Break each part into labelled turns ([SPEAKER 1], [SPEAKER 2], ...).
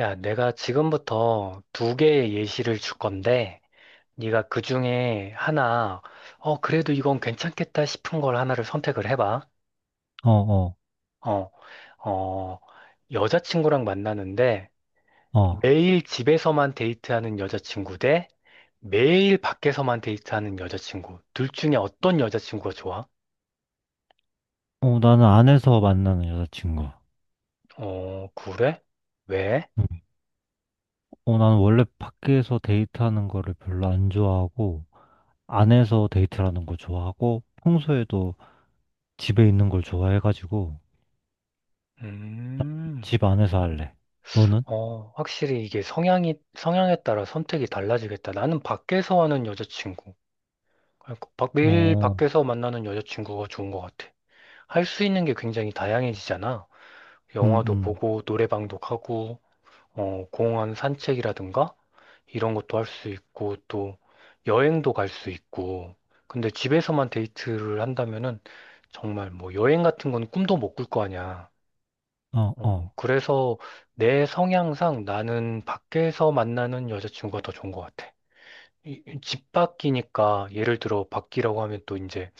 [SPEAKER 1] 야, 내가 지금부터 두 개의 예시를 줄 건데, 네가 그 중에 하나, 그래도 이건 괜찮겠다 싶은 걸 하나를 선택을 해봐.
[SPEAKER 2] 어, 어,
[SPEAKER 1] 어, 어, 여자친구랑 만나는데,
[SPEAKER 2] 어.
[SPEAKER 1] 매일 집에서만 데이트하는 여자친구 대 매일 밖에서만 데이트하는 여자친구. 둘 중에 어떤 여자친구가 좋아?
[SPEAKER 2] 나는 안에서 만나는 여자친구.
[SPEAKER 1] 어, 그래? 왜?
[SPEAKER 2] 응. 나는 원래 밖에서 데이트하는 거를 별로 안 좋아하고, 안에서 데이트하는 거 좋아하고, 평소에도 집에 있는 걸 좋아해가지고,
[SPEAKER 1] 음.
[SPEAKER 2] 집 안에서 할래. 너는?
[SPEAKER 1] 확실히 이게 성향에 따라 선택이 달라지겠다. 나는 밖에서 하는 여자친구, 그러니까 매일
[SPEAKER 2] 어,
[SPEAKER 1] 밖에서 만나는 여자친구가 좋은 것 같아. 할 수 있는 게 굉장히 다양해지잖아.
[SPEAKER 2] 음,
[SPEAKER 1] 영화도
[SPEAKER 2] 음,
[SPEAKER 1] 보고, 노래방도 가고, 공원 산책이라든가, 이런 것도 할 수 있고, 또 여행도 갈 수 있고. 근데 집에서만 데이트를 한다면은 정말 뭐 여행 같은 건 꿈도 못 꿀 거 아니야.
[SPEAKER 2] 어,
[SPEAKER 1] 어,
[SPEAKER 2] 어,
[SPEAKER 1] 그래서 내 성향상 나는 밖에서 만나는 여자친구가 더 좋은 것 같아. 이집 밖이니까 예를 들어 밖이라고 하면 또 이제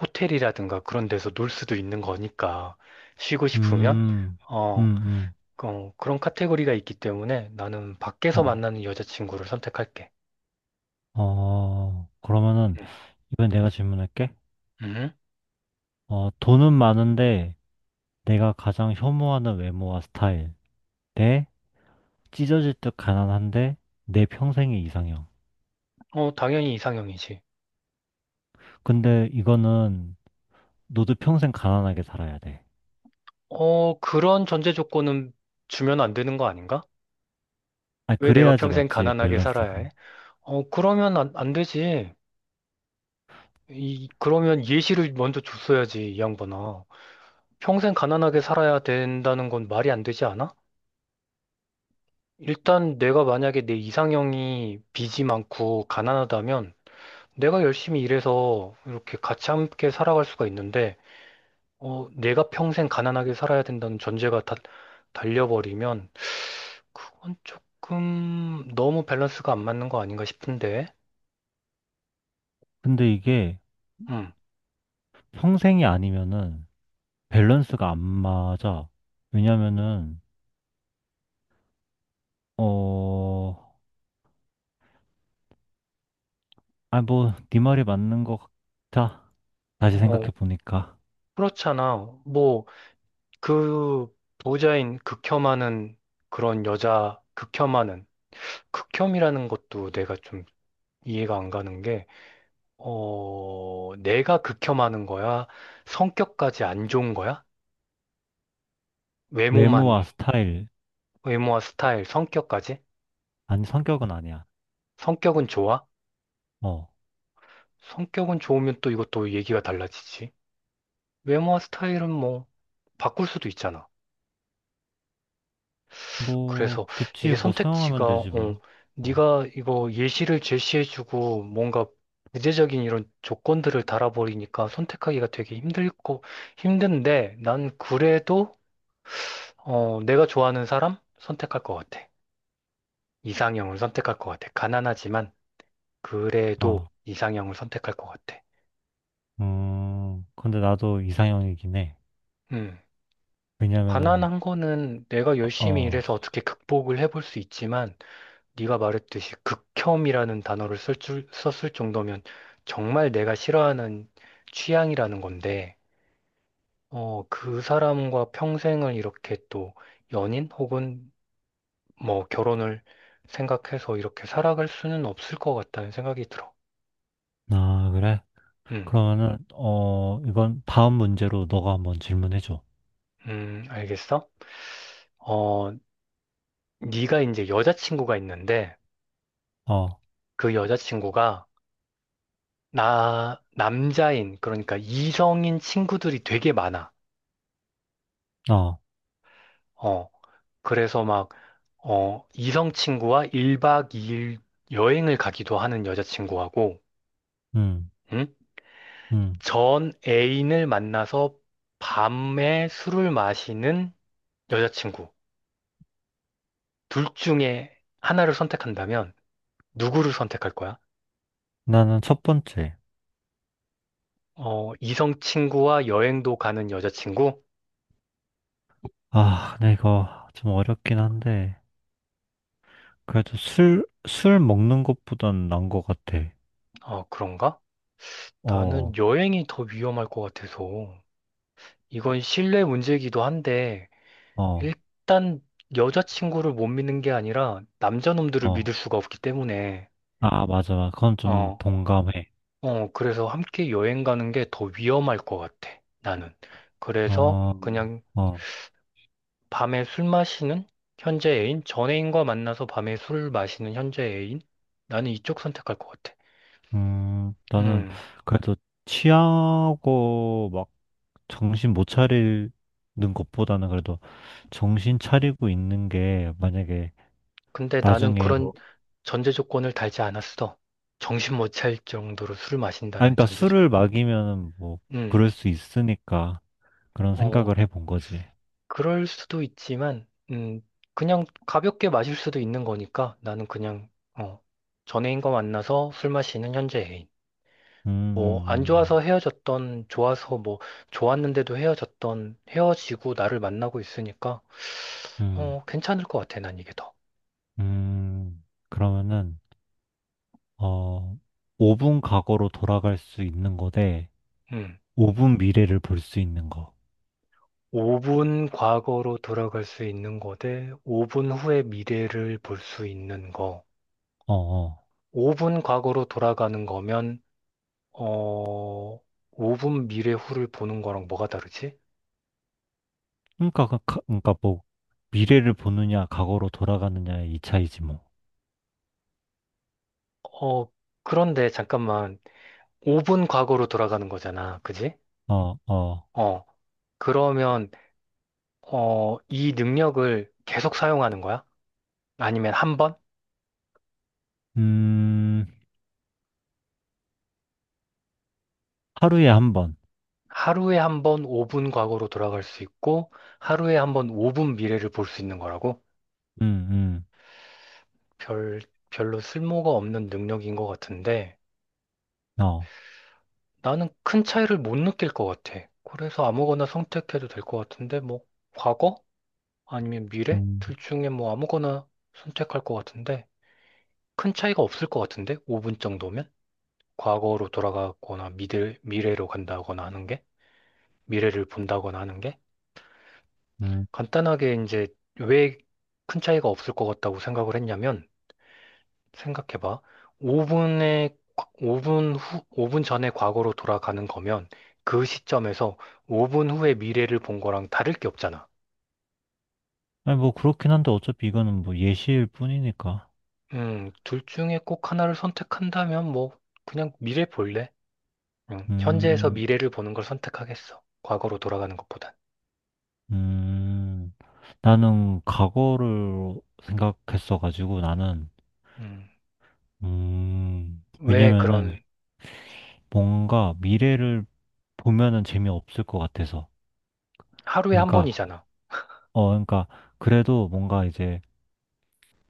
[SPEAKER 1] 호텔이라든가 그런 데서 놀 수도 있는 거니까 쉬고 싶으면
[SPEAKER 2] 음,
[SPEAKER 1] 어,
[SPEAKER 2] 음,
[SPEAKER 1] 그런 카테고리가 있기 때문에 나는 밖에서
[SPEAKER 2] 어,
[SPEAKER 1] 만나는 여자친구를 선택할게.
[SPEAKER 2] 어. 그러면은,
[SPEAKER 1] 음.
[SPEAKER 2] 이번엔 내가 질문할게.
[SPEAKER 1] 음?
[SPEAKER 2] 돈은 많은데, 내가 가장 혐오하는 외모와 스타일. 네? 찢어질 듯 가난한데 내 평생의 이상형.
[SPEAKER 1] 어, 당연히 이상형이지.
[SPEAKER 2] 근데 이거는 너도 평생 가난하게 살아야 돼.
[SPEAKER 1] 어, 그런 전제 조건은 주면 안 되는 거 아닌가?
[SPEAKER 2] 아,
[SPEAKER 1] 왜 내가
[SPEAKER 2] 그래야지
[SPEAKER 1] 평생
[SPEAKER 2] 맞지,
[SPEAKER 1] 가난하게 살아야
[SPEAKER 2] 밸런스가.
[SPEAKER 1] 해? 어, 그러면 안 되지. 이, 그러면 예시를 먼저 줬어야지, 이 양반아. 평생 가난하게 살아야 된다는 건 말이 안 되지 않아? 일단 내가 만약에 내 이상형이 빚이 많고 가난하다면 내가 열심히 일해서 이렇게 같이 함께 살아갈 수가 있는데, 어, 내가 평생 가난하게 살아야 된다는 전제가 다 달려버리면 그건 조금 너무 밸런스가 안 맞는 거 아닌가 싶은데.
[SPEAKER 2] 근데 이게
[SPEAKER 1] 음.
[SPEAKER 2] 평생이 아니면은 밸런스가 안 맞아. 왜냐면은, 어, 아, 뭐, 네 말이 맞는 것 같아. 다시 생각해
[SPEAKER 1] 어,
[SPEAKER 2] 보니까.
[SPEAKER 1] 그렇잖아. 뭐 그 보호자인 극혐하는 그런 여자 극혐하는 극혐이라는 것도 내가 좀 이해가 안 가는 게, 어, 내가 극혐하는 거야? 성격까지 안 좋은 거야?
[SPEAKER 2] 외모와
[SPEAKER 1] 외모만,
[SPEAKER 2] 스타일,
[SPEAKER 1] 외모와 스타일, 성격까지?
[SPEAKER 2] 아니, 성격은 아니야.
[SPEAKER 1] 성격은 좋아?
[SPEAKER 2] 어,
[SPEAKER 1] 성격은 좋으면 또 이것도 얘기가 달라지지. 외모와 스타일은 뭐, 바꿀 수도 있잖아.
[SPEAKER 2] 뭐,
[SPEAKER 1] 그래서
[SPEAKER 2] 그치,
[SPEAKER 1] 이게
[SPEAKER 2] 뭐, 소용하면
[SPEAKER 1] 선택지가 어,
[SPEAKER 2] 되지, 뭐. 어,
[SPEAKER 1] 네가 이거 예시를 제시해주고 뭔가 구체적인 이런 조건들을 달아버리니까 선택하기가 되게 힘들고 힘든데 난 그래도 어, 내가 좋아하는 사람 선택할 것 같아. 이상형을 선택할 것 같아. 가난하지만 그래도
[SPEAKER 2] 아,
[SPEAKER 1] 이상형을 선택할 것 같아.
[SPEAKER 2] 근데 나도 이상형이긴 해.
[SPEAKER 1] 음.
[SPEAKER 2] 왜냐면은
[SPEAKER 1] 가난한 거는 내가 열심히
[SPEAKER 2] 어,
[SPEAKER 1] 일해서 어떻게 극복을 해볼 수 있지만 네가 말했듯이 극혐이라는 단어를 썼을 정도면 정말 내가 싫어하는 취향이라는 건데, 어, 그 사람과 평생을 이렇게 또 연인 혹은 뭐 결혼을 생각해서 이렇게 살아갈 수는 없을 것 같다는 생각이 들어.
[SPEAKER 2] 아 그래?
[SPEAKER 1] 음,
[SPEAKER 2] 그러면은 어 이번 다음 문제로 너가 한번 질문해 줘.
[SPEAKER 1] 알겠어? 어, 네가 이제 여자친구가 있는데
[SPEAKER 2] 어,
[SPEAKER 1] 그 여자친구가 나 남자인 그러니까 이성인 친구들이 되게 많아.
[SPEAKER 2] 어,
[SPEAKER 1] 어, 그래서 막 어, 이성 친구와 1박 2일 여행을 가기도 하는 여자친구하고,
[SPEAKER 2] 음,
[SPEAKER 1] 응?
[SPEAKER 2] 음.
[SPEAKER 1] 전 애인을 만나서 밤에 술을 마시는 여자친구. 둘 중에 하나를 선택한다면 누구를 선택할 거야?
[SPEAKER 2] 나는 첫 번째.
[SPEAKER 1] 어, 이성 친구와 여행도 가는 여자친구?
[SPEAKER 2] 아, 근데 이거 좀 어렵긴 한데 그래도 술 먹는 것보단 난 것 같아.
[SPEAKER 1] 어, 그런가? 나는
[SPEAKER 2] 어,
[SPEAKER 1] 여행이 더 위험할 것 같아서. 이건 신뢰 문제이기도 한데,
[SPEAKER 2] 어,
[SPEAKER 1] 일단 여자친구를 못 믿는 게 아니라 남자놈들을
[SPEAKER 2] 어.
[SPEAKER 1] 믿을 수가 없기 때문에
[SPEAKER 2] 아, 맞아, 맞아. 그건 좀
[SPEAKER 1] 어,
[SPEAKER 2] 동감해.
[SPEAKER 1] 그래서 함께 여행 가는 게 더 위험할 것 같아, 나는. 그래서
[SPEAKER 2] 어,
[SPEAKER 1] 그냥
[SPEAKER 2] 어,
[SPEAKER 1] 밤에 술 마시는 현재 애인, 전 애인과 만나서 밤에 술 마시는 현재 애인? 나는 이쪽 선택할 것 같아.
[SPEAKER 2] 나는
[SPEAKER 1] 음,
[SPEAKER 2] 그래도 취하고 막 정신 못 차리는 것보다는 그래도 정신 차리고 있는 게 만약에
[SPEAKER 1] 근데 나는
[SPEAKER 2] 나중에
[SPEAKER 1] 그런
[SPEAKER 2] 뭐,
[SPEAKER 1] 전제 조건을 달지 않았어. 정신 못 차릴 정도로 술
[SPEAKER 2] 아,
[SPEAKER 1] 마신다는
[SPEAKER 2] 그러니까
[SPEAKER 1] 전제
[SPEAKER 2] 술을
[SPEAKER 1] 조건은.
[SPEAKER 2] 마기면 뭐,
[SPEAKER 1] 음,
[SPEAKER 2] 그럴 수 있으니까 그런
[SPEAKER 1] 어,
[SPEAKER 2] 생각을 해 본 거지.
[SPEAKER 1] 그럴 수도 있지만, 그냥 가볍게 마실 수도 있는 거니까 나는 그냥, 어, 전애인과 만나서 술 마시는 현재 애인.
[SPEAKER 2] 음,
[SPEAKER 1] 뭐, 안 좋아서
[SPEAKER 2] 음,
[SPEAKER 1] 헤어졌던, 좋아서 뭐, 좋았는데도 헤어졌던, 헤어지고 나를 만나고 있으니까,
[SPEAKER 2] 음, 음,
[SPEAKER 1] 어, 괜찮을 것 같아, 난 이게 더.
[SPEAKER 2] 음. 음. 그러면은, 어, 5분 과거로 돌아갈 수 있는 거대
[SPEAKER 1] 음.
[SPEAKER 2] 5분 미래를 볼 수 있는 거.
[SPEAKER 1] 5분 과거로 돌아갈 수 있는 거대 5분 후의 미래를 볼 수 있는 거.
[SPEAKER 2] 어, 어.
[SPEAKER 1] 5분 과거로 돌아가는 거면, 어, 5분 미래 후를 보는 거랑 뭐가 다르지?
[SPEAKER 2] 그러니까, 그러니까 뭐, 미래를 보느냐, 과거로 돌아가느냐의 이 차이지 뭐.
[SPEAKER 1] 어, 그런데 잠깐만. 5분 과거로 돌아가는 거잖아. 그지?
[SPEAKER 2] 어, 어.
[SPEAKER 1] 어, 그러면, 어, 이 능력을 계속 사용하는 거야? 아니면 한 번?
[SPEAKER 2] 음, 하루에 한 번.
[SPEAKER 1] 하루에 한 번 5분 과거로 돌아갈 수 있고, 하루에 한 번 5분 미래를 볼 수 있는 거라고?
[SPEAKER 2] 음,
[SPEAKER 1] 별, 별로 쓸모가 없는 능력인 것 같은데,
[SPEAKER 2] 어,
[SPEAKER 1] 나는 큰 차이를 못 느낄 것 같아. 그래서 아무거나 선택해도 될 것 같은데, 뭐, 과거? 아니면 미래?
[SPEAKER 2] 음,
[SPEAKER 1] 둘 중에 뭐 아무거나 선택할 것 같은데, 큰 차이가 없을 것 같은데? 5분 정도면? 과거로 돌아가거나 미래로 간다거나 하는 게? 미래를 본다거나 하는 게?
[SPEAKER 2] 음.
[SPEAKER 1] 간단하게 이제 왜 큰 차이가 없을 것 같다고 생각을 했냐면, 생각해봐. 5분에, 5분 후, 5분 전에 과거로 돌아가는 거면 그 시점에서 5분 후에 미래를 본 거랑 다를 게 없잖아.
[SPEAKER 2] 아니, 뭐, 그렇긴 한데, 어차피 이거는 뭐 예시일 뿐이니까.
[SPEAKER 1] 둘 중에 꼭 하나를 선택한다면 뭐, 그냥 미래 볼래? 현재에서
[SPEAKER 2] 음,
[SPEAKER 1] 미래를 보는 걸 선택하겠어. 과거로 돌아가는 것보다.
[SPEAKER 2] 음. 나는 과거를 생각했어가지고, 나는,
[SPEAKER 1] 음, 왜
[SPEAKER 2] 왜냐면은,
[SPEAKER 1] 그런
[SPEAKER 2] 뭔가 미래를 보면은 재미없을 것 같아서.
[SPEAKER 1] 하루에 한
[SPEAKER 2] 그러니까,
[SPEAKER 1] 번이잖아.
[SPEAKER 2] 어, 그러니까, 그래도 뭔가 이제,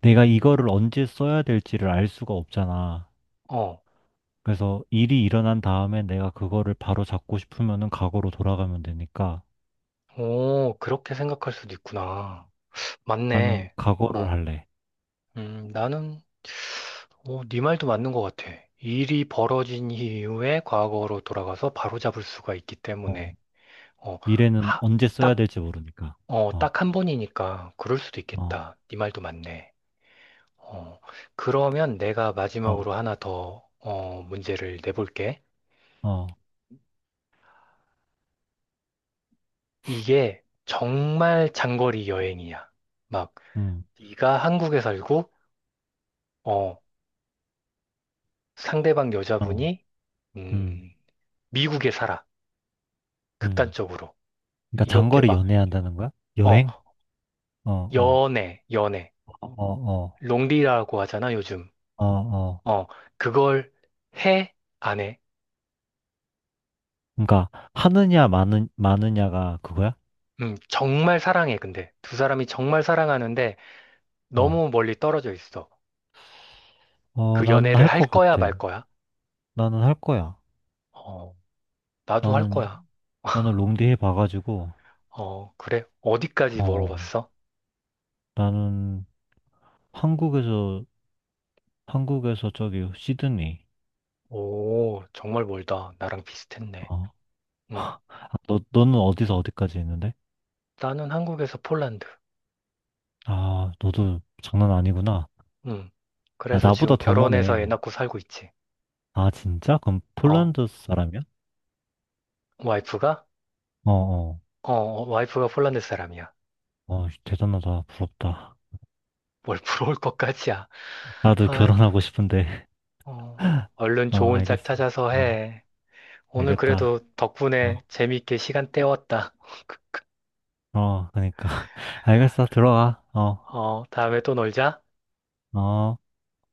[SPEAKER 2] 내가 이거를 언제 써야 될지를 알 수가 없잖아.
[SPEAKER 1] 어,
[SPEAKER 2] 그래서 일이 일어난 다음에 내가 그거를 바로 잡고 싶으면은 과거로 돌아가면 되니까
[SPEAKER 1] 오, 그렇게 생각할 수도 있구나.
[SPEAKER 2] 나는
[SPEAKER 1] 맞네.
[SPEAKER 2] 과거를
[SPEAKER 1] 어,
[SPEAKER 2] 할래.
[SPEAKER 1] 나는 어, 네 말도 맞는 것 같아. 일이 벌어진 이후에 과거로 돌아가서 바로잡을 수가 있기
[SPEAKER 2] 어,
[SPEAKER 1] 때문에 어,
[SPEAKER 2] 미래는
[SPEAKER 1] 하,
[SPEAKER 2] 언제 써야
[SPEAKER 1] 딱,
[SPEAKER 2] 될지 모르니까.
[SPEAKER 1] 어,
[SPEAKER 2] 어,
[SPEAKER 1] 딱 한 번이니까 그럴 수도
[SPEAKER 2] 어,
[SPEAKER 1] 있겠다. 네 말도 맞네. 어, 그러면 내가
[SPEAKER 2] 어,
[SPEAKER 1] 마지막으로 하나 더 어, 문제를 내볼게.
[SPEAKER 2] 어,
[SPEAKER 1] 이게 정말 장거리 여행이야. 막
[SPEAKER 2] 음,
[SPEAKER 1] 네가 한국에 살고, 어, 상대방
[SPEAKER 2] 어,
[SPEAKER 1] 여자분이,
[SPEAKER 2] 음,
[SPEAKER 1] 음, 미국에 살아.
[SPEAKER 2] 음.
[SPEAKER 1] 극단적으로.
[SPEAKER 2] 그러니까
[SPEAKER 1] 이렇게
[SPEAKER 2] 장거리
[SPEAKER 1] 막,
[SPEAKER 2] 연애한다는 거야?
[SPEAKER 1] 어,
[SPEAKER 2] 여행? 어, 어,
[SPEAKER 1] 연애.
[SPEAKER 2] 어,
[SPEAKER 1] 롱디라고 하잖아, 요즘.
[SPEAKER 2] 어, 어, 어.
[SPEAKER 1] 어, 그걸 해? 안 해?
[SPEAKER 2] 그러니까 마느냐가 그거야?
[SPEAKER 1] 정말 사랑해, 근데. 두 사람이 정말 사랑하는데
[SPEAKER 2] 어,
[SPEAKER 1] 너무 멀리 떨어져 있어.
[SPEAKER 2] 어,
[SPEAKER 1] 그
[SPEAKER 2] 나는
[SPEAKER 1] 연애를
[SPEAKER 2] 할
[SPEAKER 1] 할
[SPEAKER 2] 것
[SPEAKER 1] 거야,
[SPEAKER 2] 같아.
[SPEAKER 1] 말 거야?
[SPEAKER 2] 나는 할 거야.
[SPEAKER 1] 어, 나도 할
[SPEAKER 2] 나는
[SPEAKER 1] 거야.
[SPEAKER 2] 나는 롱디 해봐가지고,
[SPEAKER 1] 어, 그래? 어디까지
[SPEAKER 2] 어,
[SPEAKER 1] 물어봤어?
[SPEAKER 2] 나는 한국에서, 한국에서 저기 시드니.
[SPEAKER 1] 오, 정말 멀다. 나랑 비슷했네.
[SPEAKER 2] 어.
[SPEAKER 1] 음.
[SPEAKER 2] 너는 어디서 어디까지 했는데?
[SPEAKER 1] 나는 한국에서 폴란드.
[SPEAKER 2] 아, 너도 장난 아니구나.
[SPEAKER 1] 음.
[SPEAKER 2] 아,
[SPEAKER 1] 그래서
[SPEAKER 2] 나보다
[SPEAKER 1] 지금
[SPEAKER 2] 더
[SPEAKER 1] 결혼해서 애
[SPEAKER 2] 머네.
[SPEAKER 1] 낳고 살고 있지.
[SPEAKER 2] 아, 진짜? 그럼
[SPEAKER 1] 어,
[SPEAKER 2] 폴란드 사람이야?
[SPEAKER 1] 와이프가?
[SPEAKER 2] 어, 어.
[SPEAKER 1] 어, 어, 와이프가 폴란드 사람이야.
[SPEAKER 2] 어, 대단하다. 부럽다.
[SPEAKER 1] 뭘 부러울 것까지야.
[SPEAKER 2] 나도
[SPEAKER 1] 아이고,
[SPEAKER 2] 결혼하고 싶은데.
[SPEAKER 1] 어. 얼른
[SPEAKER 2] 어,
[SPEAKER 1] 좋은 짝
[SPEAKER 2] 알겠어.
[SPEAKER 1] 찾아서
[SPEAKER 2] 어,
[SPEAKER 1] 해. 오늘
[SPEAKER 2] 알겠다.
[SPEAKER 1] 그래도
[SPEAKER 2] 어,
[SPEAKER 1] 덕분에 재밌게 시간 때웠다.
[SPEAKER 2] 어, 그러니까. 알겠어. 들어가. 어,
[SPEAKER 1] 어, 다음에 또 놀자.
[SPEAKER 2] 어.